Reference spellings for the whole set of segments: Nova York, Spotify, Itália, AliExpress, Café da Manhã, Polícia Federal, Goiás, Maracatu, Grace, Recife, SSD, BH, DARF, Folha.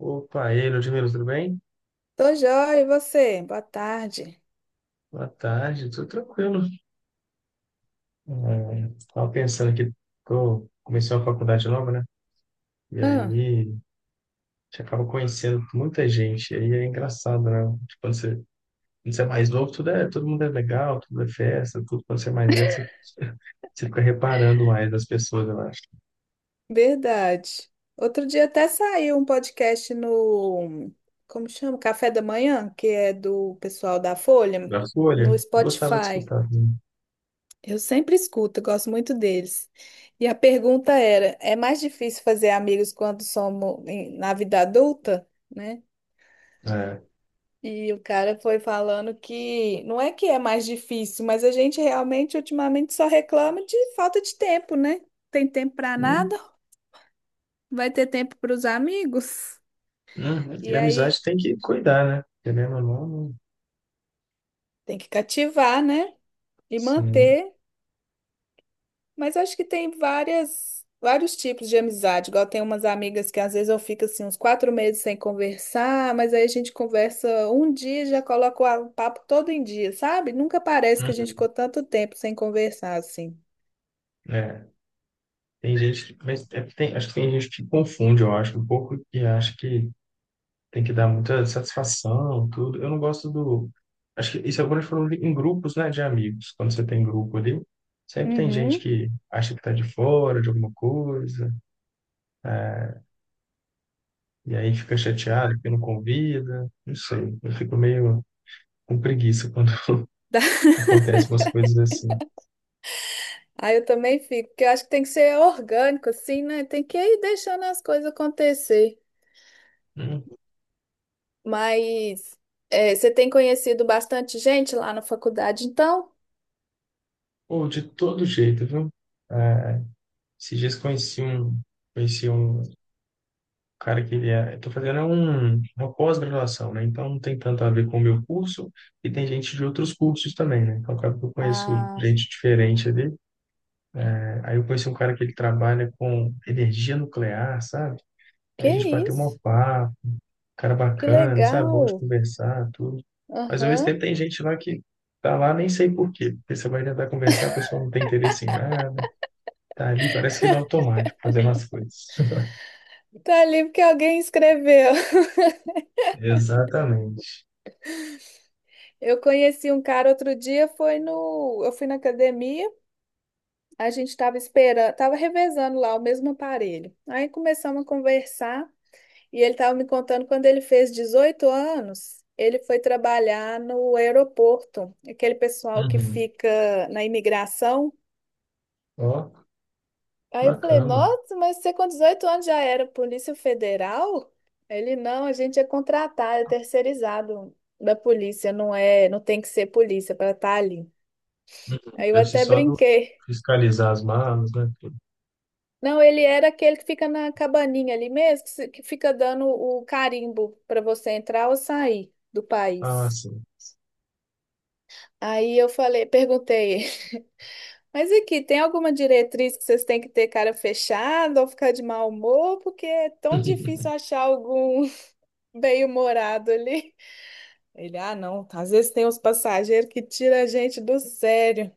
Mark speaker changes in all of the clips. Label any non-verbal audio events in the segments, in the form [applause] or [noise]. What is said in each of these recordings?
Speaker 1: Opa, e aí, Ludmila, tudo bem?
Speaker 2: Tô joia, e você? Boa tarde.
Speaker 1: Boa tarde, tudo tranquilo. Estava pensando aqui, que eu comecei uma faculdade nova, né? E
Speaker 2: Ah,
Speaker 1: aí, a gente acaba conhecendo muita gente, e aí é engraçado, né? Tipo, quando você é mais novo, todo mundo é legal, tudo é festa, tudo. Quando você é mais velho, você, [laughs] você fica reparando mais das pessoas, eu acho.
Speaker 2: verdade. Outro dia até saiu um podcast no, como chama? Café da Manhã, que é do pessoal da Folha,
Speaker 1: Da
Speaker 2: no
Speaker 1: Folha, eu gostava de
Speaker 2: Spotify.
Speaker 1: escutar também.
Speaker 2: Eu sempre escuto, eu gosto muito deles. E a pergunta era: é mais difícil fazer amigos quando na vida adulta, né?
Speaker 1: É,
Speaker 2: E o cara foi falando que não é que é mais difícil, mas a gente realmente ultimamente só reclama de falta de tempo, né? Tem tempo para nada,
Speaker 1: sim.
Speaker 2: vai ter tempo para os amigos.
Speaker 1: Uhum. E
Speaker 2: E
Speaker 1: a
Speaker 2: aí
Speaker 1: amizade tem que cuidar, né? Querendo ou não,
Speaker 2: tem que cativar, né? E
Speaker 1: sim.
Speaker 2: manter. Mas acho que tem vários tipos de amizade. Igual tem umas amigas que às vezes eu fico assim uns 4 meses sem conversar, mas aí a gente conversa um dia e já coloca o papo todo em dia, sabe? Nunca parece que a gente
Speaker 1: Uhum.
Speaker 2: ficou tanto tempo sem conversar assim.
Speaker 1: É. Tem gente, mas acho que tem gente que confunde, eu acho, um pouco, e acha que tem que dar muita satisfação, tudo. Eu não gosto do. Acho que isso agora falando em grupos, né, de amigos. Quando você tem grupo ali, sempre tem gente
Speaker 2: Uhum.
Speaker 1: que acha que tá de fora de alguma coisa, é, e aí fica chateado porque não convida. Não sei, eu fico meio com preguiça quando [laughs]
Speaker 2: [laughs]
Speaker 1: acontecem umas coisas assim.
Speaker 2: Aí eu também fico, porque eu acho que tem que ser orgânico, assim, né? Tem que ir deixando as coisas acontecer.
Speaker 1: Hum.
Speaker 2: Mas é, você tem conhecido bastante gente lá na faculdade, então?
Speaker 1: Ou de todo jeito, viu? É, Esses dias conheci um cara que eu tô fazendo uma pós-graduação, né? Então não tem tanto a ver com o meu curso e tem gente de outros cursos também, né? Então acaba que eu conheço
Speaker 2: Ah,
Speaker 1: gente diferente ali, né? Aí eu conheci um cara que ele trabalha com energia nuclear, sabe? Aí
Speaker 2: que
Speaker 1: a gente bateu um
Speaker 2: isso?
Speaker 1: papo, cara
Speaker 2: Que
Speaker 1: bacana, sabe? Bom de
Speaker 2: legal!
Speaker 1: conversar, tudo. Mas ao mesmo
Speaker 2: Aham.
Speaker 1: tempo tem gente lá que tá lá nem sei por quê. Porque você vai tentar conversar, a pessoa não tem interesse em nada, tá ali, parece que no automático, fazendo as coisas. [laughs]
Speaker 2: Tá ali porque alguém escreveu. [laughs]
Speaker 1: Exatamente.
Speaker 2: Eu conheci um cara outro dia, foi no, eu fui na academia, a gente tava esperando, tava revezando lá o mesmo aparelho. Aí começamos a conversar. E ele estava me contando quando ele fez 18 anos, ele foi trabalhar no aeroporto, aquele pessoal que
Speaker 1: Uhum.
Speaker 2: fica na imigração.
Speaker 1: Ó,
Speaker 2: Aí eu falei,
Speaker 1: bacana.
Speaker 2: nossa, mas você com 18 anos já era Polícia Federal? Ele, não, a gente é contratado, é terceirizado da polícia, não é, não tem que ser polícia para estar ali.
Speaker 1: Uhum.
Speaker 2: Aí eu
Speaker 1: Deve ser
Speaker 2: até
Speaker 1: só do
Speaker 2: brinquei.
Speaker 1: fiscalizar as malas, né, tudo.
Speaker 2: Não, ele era aquele que fica na cabaninha ali mesmo, que se- que fica dando o carimbo para você entrar ou sair do
Speaker 1: Ah,
Speaker 2: país.
Speaker 1: sim.
Speaker 2: Aí eu falei, perguntei, [laughs] mas aqui, tem alguma diretriz que vocês têm que ter cara fechada ou ficar de mau humor? Porque é tão difícil
Speaker 1: [laughs]
Speaker 2: achar algum [laughs] bem-humorado ali. Ele, ah, não, às vezes tem uns passageiros que tira a gente do sério.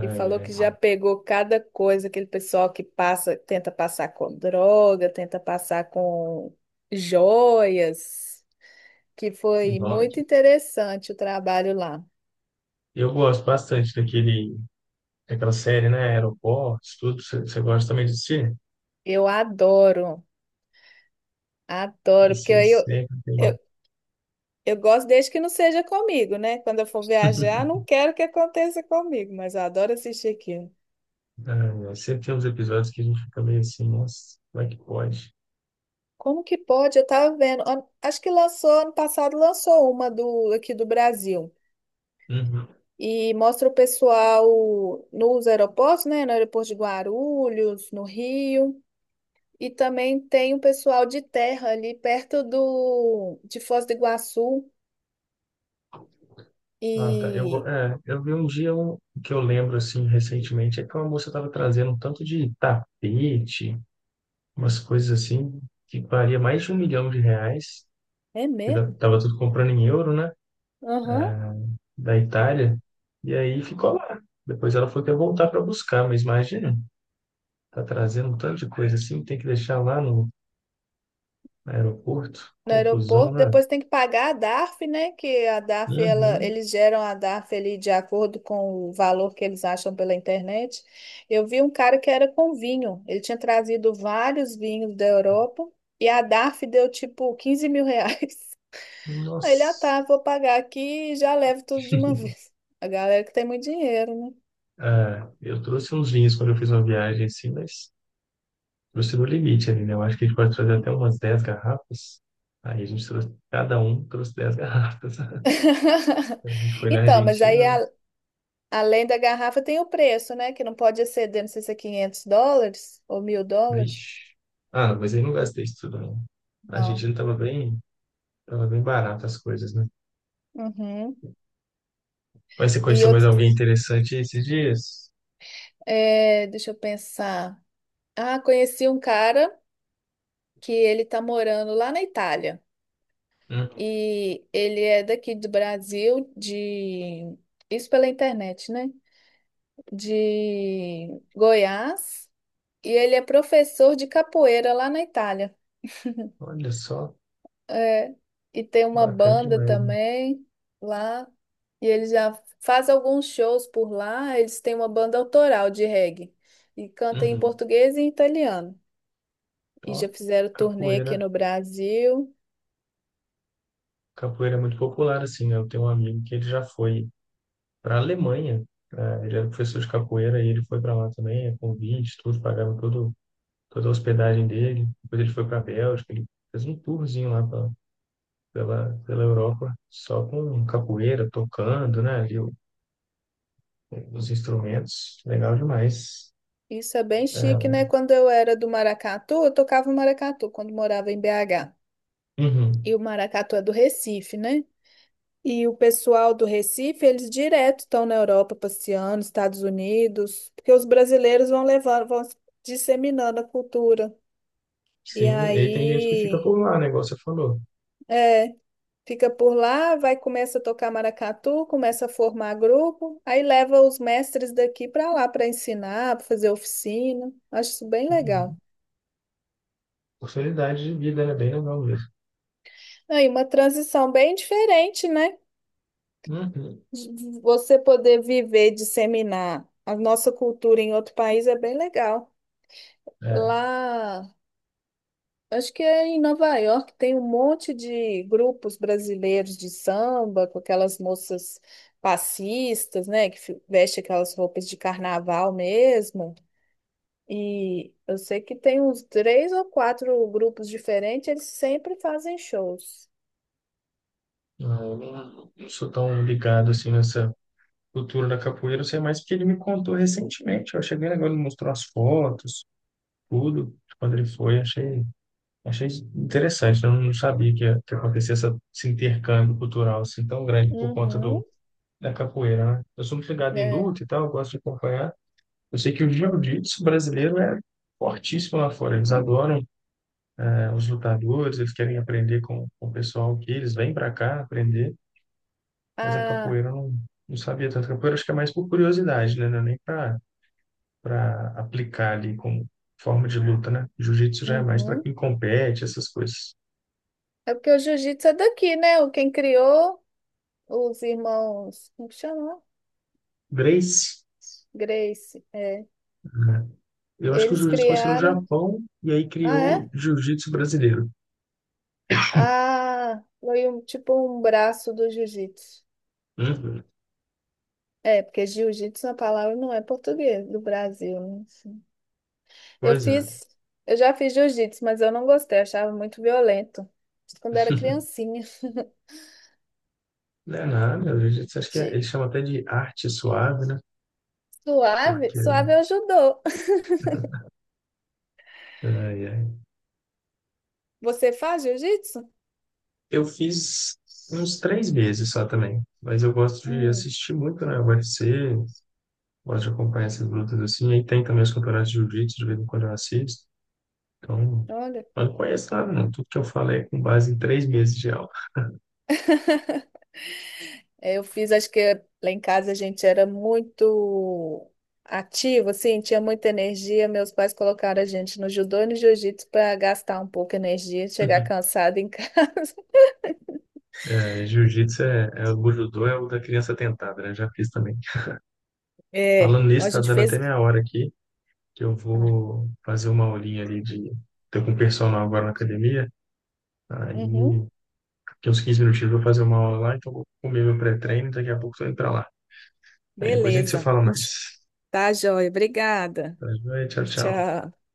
Speaker 2: E falou
Speaker 1: ai.
Speaker 2: que já pegou cada coisa, aquele pessoal que passa, tenta passar com droga, tenta passar com joias, que foi muito
Speaker 1: Nossa.
Speaker 2: interessante o trabalho lá.
Speaker 1: Eu gosto bastante daquele, daquela série, né? Aeroportos, tudo. Você gosta também de assistir?
Speaker 2: Eu adoro, adoro, porque
Speaker 1: Esse
Speaker 2: aí
Speaker 1: sempre tem.
Speaker 2: eu, Eu gosto desde que não seja comigo, né? Quando eu for viajar, não
Speaker 1: [laughs]
Speaker 2: quero que aconteça comigo, mas eu adoro assistir aquilo.
Speaker 1: Ai, ai. Sempre tem uns episódios que a gente fica meio assim, nossa, como é que pode?
Speaker 2: Como que pode? Eu tava vendo. Acho que lançou, ano passado lançou uma do aqui do Brasil.
Speaker 1: Uhum.
Speaker 2: E mostra o pessoal nos aeroportos, né? No aeroporto de Guarulhos, no Rio. E também tem um pessoal de terra ali perto do de Foz do Iguaçu.
Speaker 1: Ah, tá. Eu,
Speaker 2: E
Speaker 1: é, eu vi um dia um, que eu lembro, assim, recentemente, é que uma moça estava trazendo um tanto de tapete, umas coisas assim que valia mais de 1 milhão de reais.
Speaker 2: é mesmo?
Speaker 1: Tava tudo comprando em euro, né?
Speaker 2: Aham.
Speaker 1: Da Itália. E aí ficou lá. Depois ela foi até voltar para buscar, mas imagina, tá trazendo um tanto de coisa assim, tem que deixar lá no aeroporto.
Speaker 2: No
Speaker 1: Confusão,
Speaker 2: aeroporto,
Speaker 1: né?
Speaker 2: depois tem que pagar a DARF, né? Que a DARF, ela,
Speaker 1: Uhum.
Speaker 2: eles geram a DARF ali de acordo com o valor que eles acham pela internet. Eu vi um cara que era com vinho, ele tinha trazido vários vinhos da Europa e a DARF deu tipo 15 mil reais. [laughs] Aí ele, ah
Speaker 1: Nossa.
Speaker 2: tá, vou pagar aqui e já levo tudo de uma
Speaker 1: [laughs]
Speaker 2: vez. A galera que tem muito dinheiro, né?
Speaker 1: É, eu trouxe uns vinhos quando eu fiz uma viagem assim, mas trouxe no limite ali, né? Eu acho que a gente pode trazer até umas 10 garrafas. Aí a gente trouxe, cada um trouxe 10 garrafas. [laughs]
Speaker 2: [laughs]
Speaker 1: Quando a gente foi na
Speaker 2: Então, mas
Speaker 1: Argentina,
Speaker 2: além da garrafa tem o preço, né? Que não pode exceder, não sei se é 500 dólares ou 1.000 dólares.
Speaker 1: vixe. Ah, mas aí não gastei isso tudo, não. A
Speaker 2: Não.
Speaker 1: Argentina tava bem barata as coisas, né?
Speaker 2: Uhum.
Speaker 1: Mas você
Speaker 2: E
Speaker 1: conheceu mais
Speaker 2: outro,
Speaker 1: alguém interessante esses dias?
Speaker 2: é, deixa eu pensar. Ah, conheci um cara que ele tá morando lá na Itália.
Speaker 1: Uhum.
Speaker 2: E ele é daqui do Brasil, de isso pela internet, né? De Goiás. E ele é professor de capoeira lá na Itália.
Speaker 1: Olha só,
Speaker 2: É, e tem uma
Speaker 1: bacana
Speaker 2: banda
Speaker 1: demais, né?
Speaker 2: também lá. E ele já faz alguns shows por lá. Eles têm uma banda autoral de reggae. E canta em
Speaker 1: Uhum.
Speaker 2: português e em italiano. E já
Speaker 1: Ó,
Speaker 2: fizeram turnê aqui
Speaker 1: capoeira.
Speaker 2: no Brasil.
Speaker 1: Capoeira é muito popular, assim, né? Eu tenho um amigo que ele já foi pra Alemanha, né? Ele era professor de capoeira e ele foi para lá também, é convite, tudo, pagaram todo, toda a hospedagem dele. Depois ele foi pra Bélgica, ele fez um tourzinho lá pela Europa, só com capoeira, tocando, né, ali os instrumentos, legal demais.
Speaker 2: Isso é bem
Speaker 1: É,
Speaker 2: chique, né? Quando eu era do Maracatu, eu tocava o maracatu quando morava em BH.
Speaker 1: uhum.
Speaker 2: E o maracatu é do Recife, né? E o pessoal do Recife, eles direto estão na Europa passeando, Estados Unidos, porque os brasileiros vão levando, vão disseminando a cultura. E
Speaker 1: Sim, e aí tem gente que fica
Speaker 2: aí,
Speaker 1: por lá, né, igual você falou.
Speaker 2: é. Fica por lá, vai, começa a tocar maracatu, começa a formar grupo, aí leva os mestres daqui para lá para ensinar, para fazer oficina. Acho isso bem legal.
Speaker 1: Uhum. Oportunidade de vida, né, bem legal mesmo.
Speaker 2: Aí uma transição bem diferente, né?
Speaker 1: Uhum.
Speaker 2: De você poder viver, disseminar a nossa cultura em outro país é bem legal.
Speaker 1: É,
Speaker 2: Lá, acho que é em Nova York tem um monte de grupos brasileiros de samba, com aquelas moças passistas, né, vestem aquelas roupas de carnaval mesmo. E eu sei que tem uns três ou quatro grupos diferentes, eles sempre fazem shows.
Speaker 1: não, eu não sou tão ligado, assim, nessa cultura da capoeira, eu sei mais porque ele me contou recentemente, eu cheguei agora, ele mostrou as fotos, tudo, quando ele foi, Achei interessante, eu não sabia que, que acontecia essa, esse intercâmbio cultural assim tão grande por conta
Speaker 2: Uhum,
Speaker 1: da capoeira, né? Eu sou muito ligado em
Speaker 2: é.
Speaker 1: luta e tal, eu gosto de acompanhar. Eu sei que o jiu-jitsu brasileiro é fortíssimo lá fora, eles adoram, né, os lutadores, eles querem aprender com, o pessoal que eles vêm para cá aprender, mas a
Speaker 2: Ah,
Speaker 1: capoeira eu não, não sabia tanto. A capoeira acho que é mais por curiosidade, né? Não é nem para aplicar ali como forma de luta, né? Jiu-jitsu já é mais para
Speaker 2: uhum.
Speaker 1: quem compete, essas coisas.
Speaker 2: É porque o jiu-jitsu é daqui, né? O Quem criou, os irmãos, como que chama?
Speaker 1: Grace,
Speaker 2: Grace, é.
Speaker 1: né? Eu acho que o
Speaker 2: Eles
Speaker 1: jiu-jitsu começou no
Speaker 2: criaram.
Speaker 1: Japão e aí
Speaker 2: Ah,
Speaker 1: criou
Speaker 2: é?
Speaker 1: o jiu-jitsu brasileiro. [laughs]
Speaker 2: Ah, foi um, tipo um braço do jiu-jitsu.
Speaker 1: Uhum.
Speaker 2: É, porque jiu-jitsu é uma palavra não é português, do Brasil, né? Assim. Eu
Speaker 1: Pois é.
Speaker 2: fiz, eu já fiz jiu-jitsu, mas eu não gostei, eu achava muito violento. Isso quando era
Speaker 1: [laughs]
Speaker 2: criancinha. [laughs]
Speaker 1: Não é nada, o jiu-jitsu acho que é,
Speaker 2: De-
Speaker 1: eles chamam até de arte suave, né?
Speaker 2: Suave,
Speaker 1: Porque
Speaker 2: suave é o judô.
Speaker 1: ai, ai,
Speaker 2: Você faz jiu-jitsu?
Speaker 1: eu fiz uns 3 meses só também, mas eu gosto de
Speaker 2: Hum,
Speaker 1: assistir muito, né? UFC, gosto de acompanhar essas lutas assim, aí tem também os campeonatos de jiu-jitsu, de vez em quando eu assisto. Então,
Speaker 2: olha.
Speaker 1: eu não conheço nada, não. Tudo que eu falei é com base em 3 meses de aula.
Speaker 2: É, eu fiz, acho que lá em casa a gente era muito ativo, assim, tinha muita energia. Meus pais colocaram a gente no judô e no jiu-jitsu para gastar um pouco de energia, chegar
Speaker 1: [laughs]
Speaker 2: cansado em casa. [laughs]
Speaker 1: É, jiu-jitsu é, é o judô, é o da criança tentada, né? Já fiz também.
Speaker 2: É,
Speaker 1: Falando
Speaker 2: a
Speaker 1: nisso, tá
Speaker 2: gente
Speaker 1: dando até
Speaker 2: fez.
Speaker 1: minha hora aqui, que eu
Speaker 2: Ah,
Speaker 1: vou fazer uma aulinha ali de. Tô com personal agora na academia. Aí,
Speaker 2: uhum.
Speaker 1: daqui uns 15 minutinhos eu vou fazer uma aula lá, então eu vou comer meu pré-treino, daqui a pouco eu tô indo pra lá. Aí depois a gente se
Speaker 2: Beleza.
Speaker 1: fala mais.
Speaker 2: Tá, joia. Obrigada.
Speaker 1: Tá, joia? Tchau, tchau.
Speaker 2: Tchau.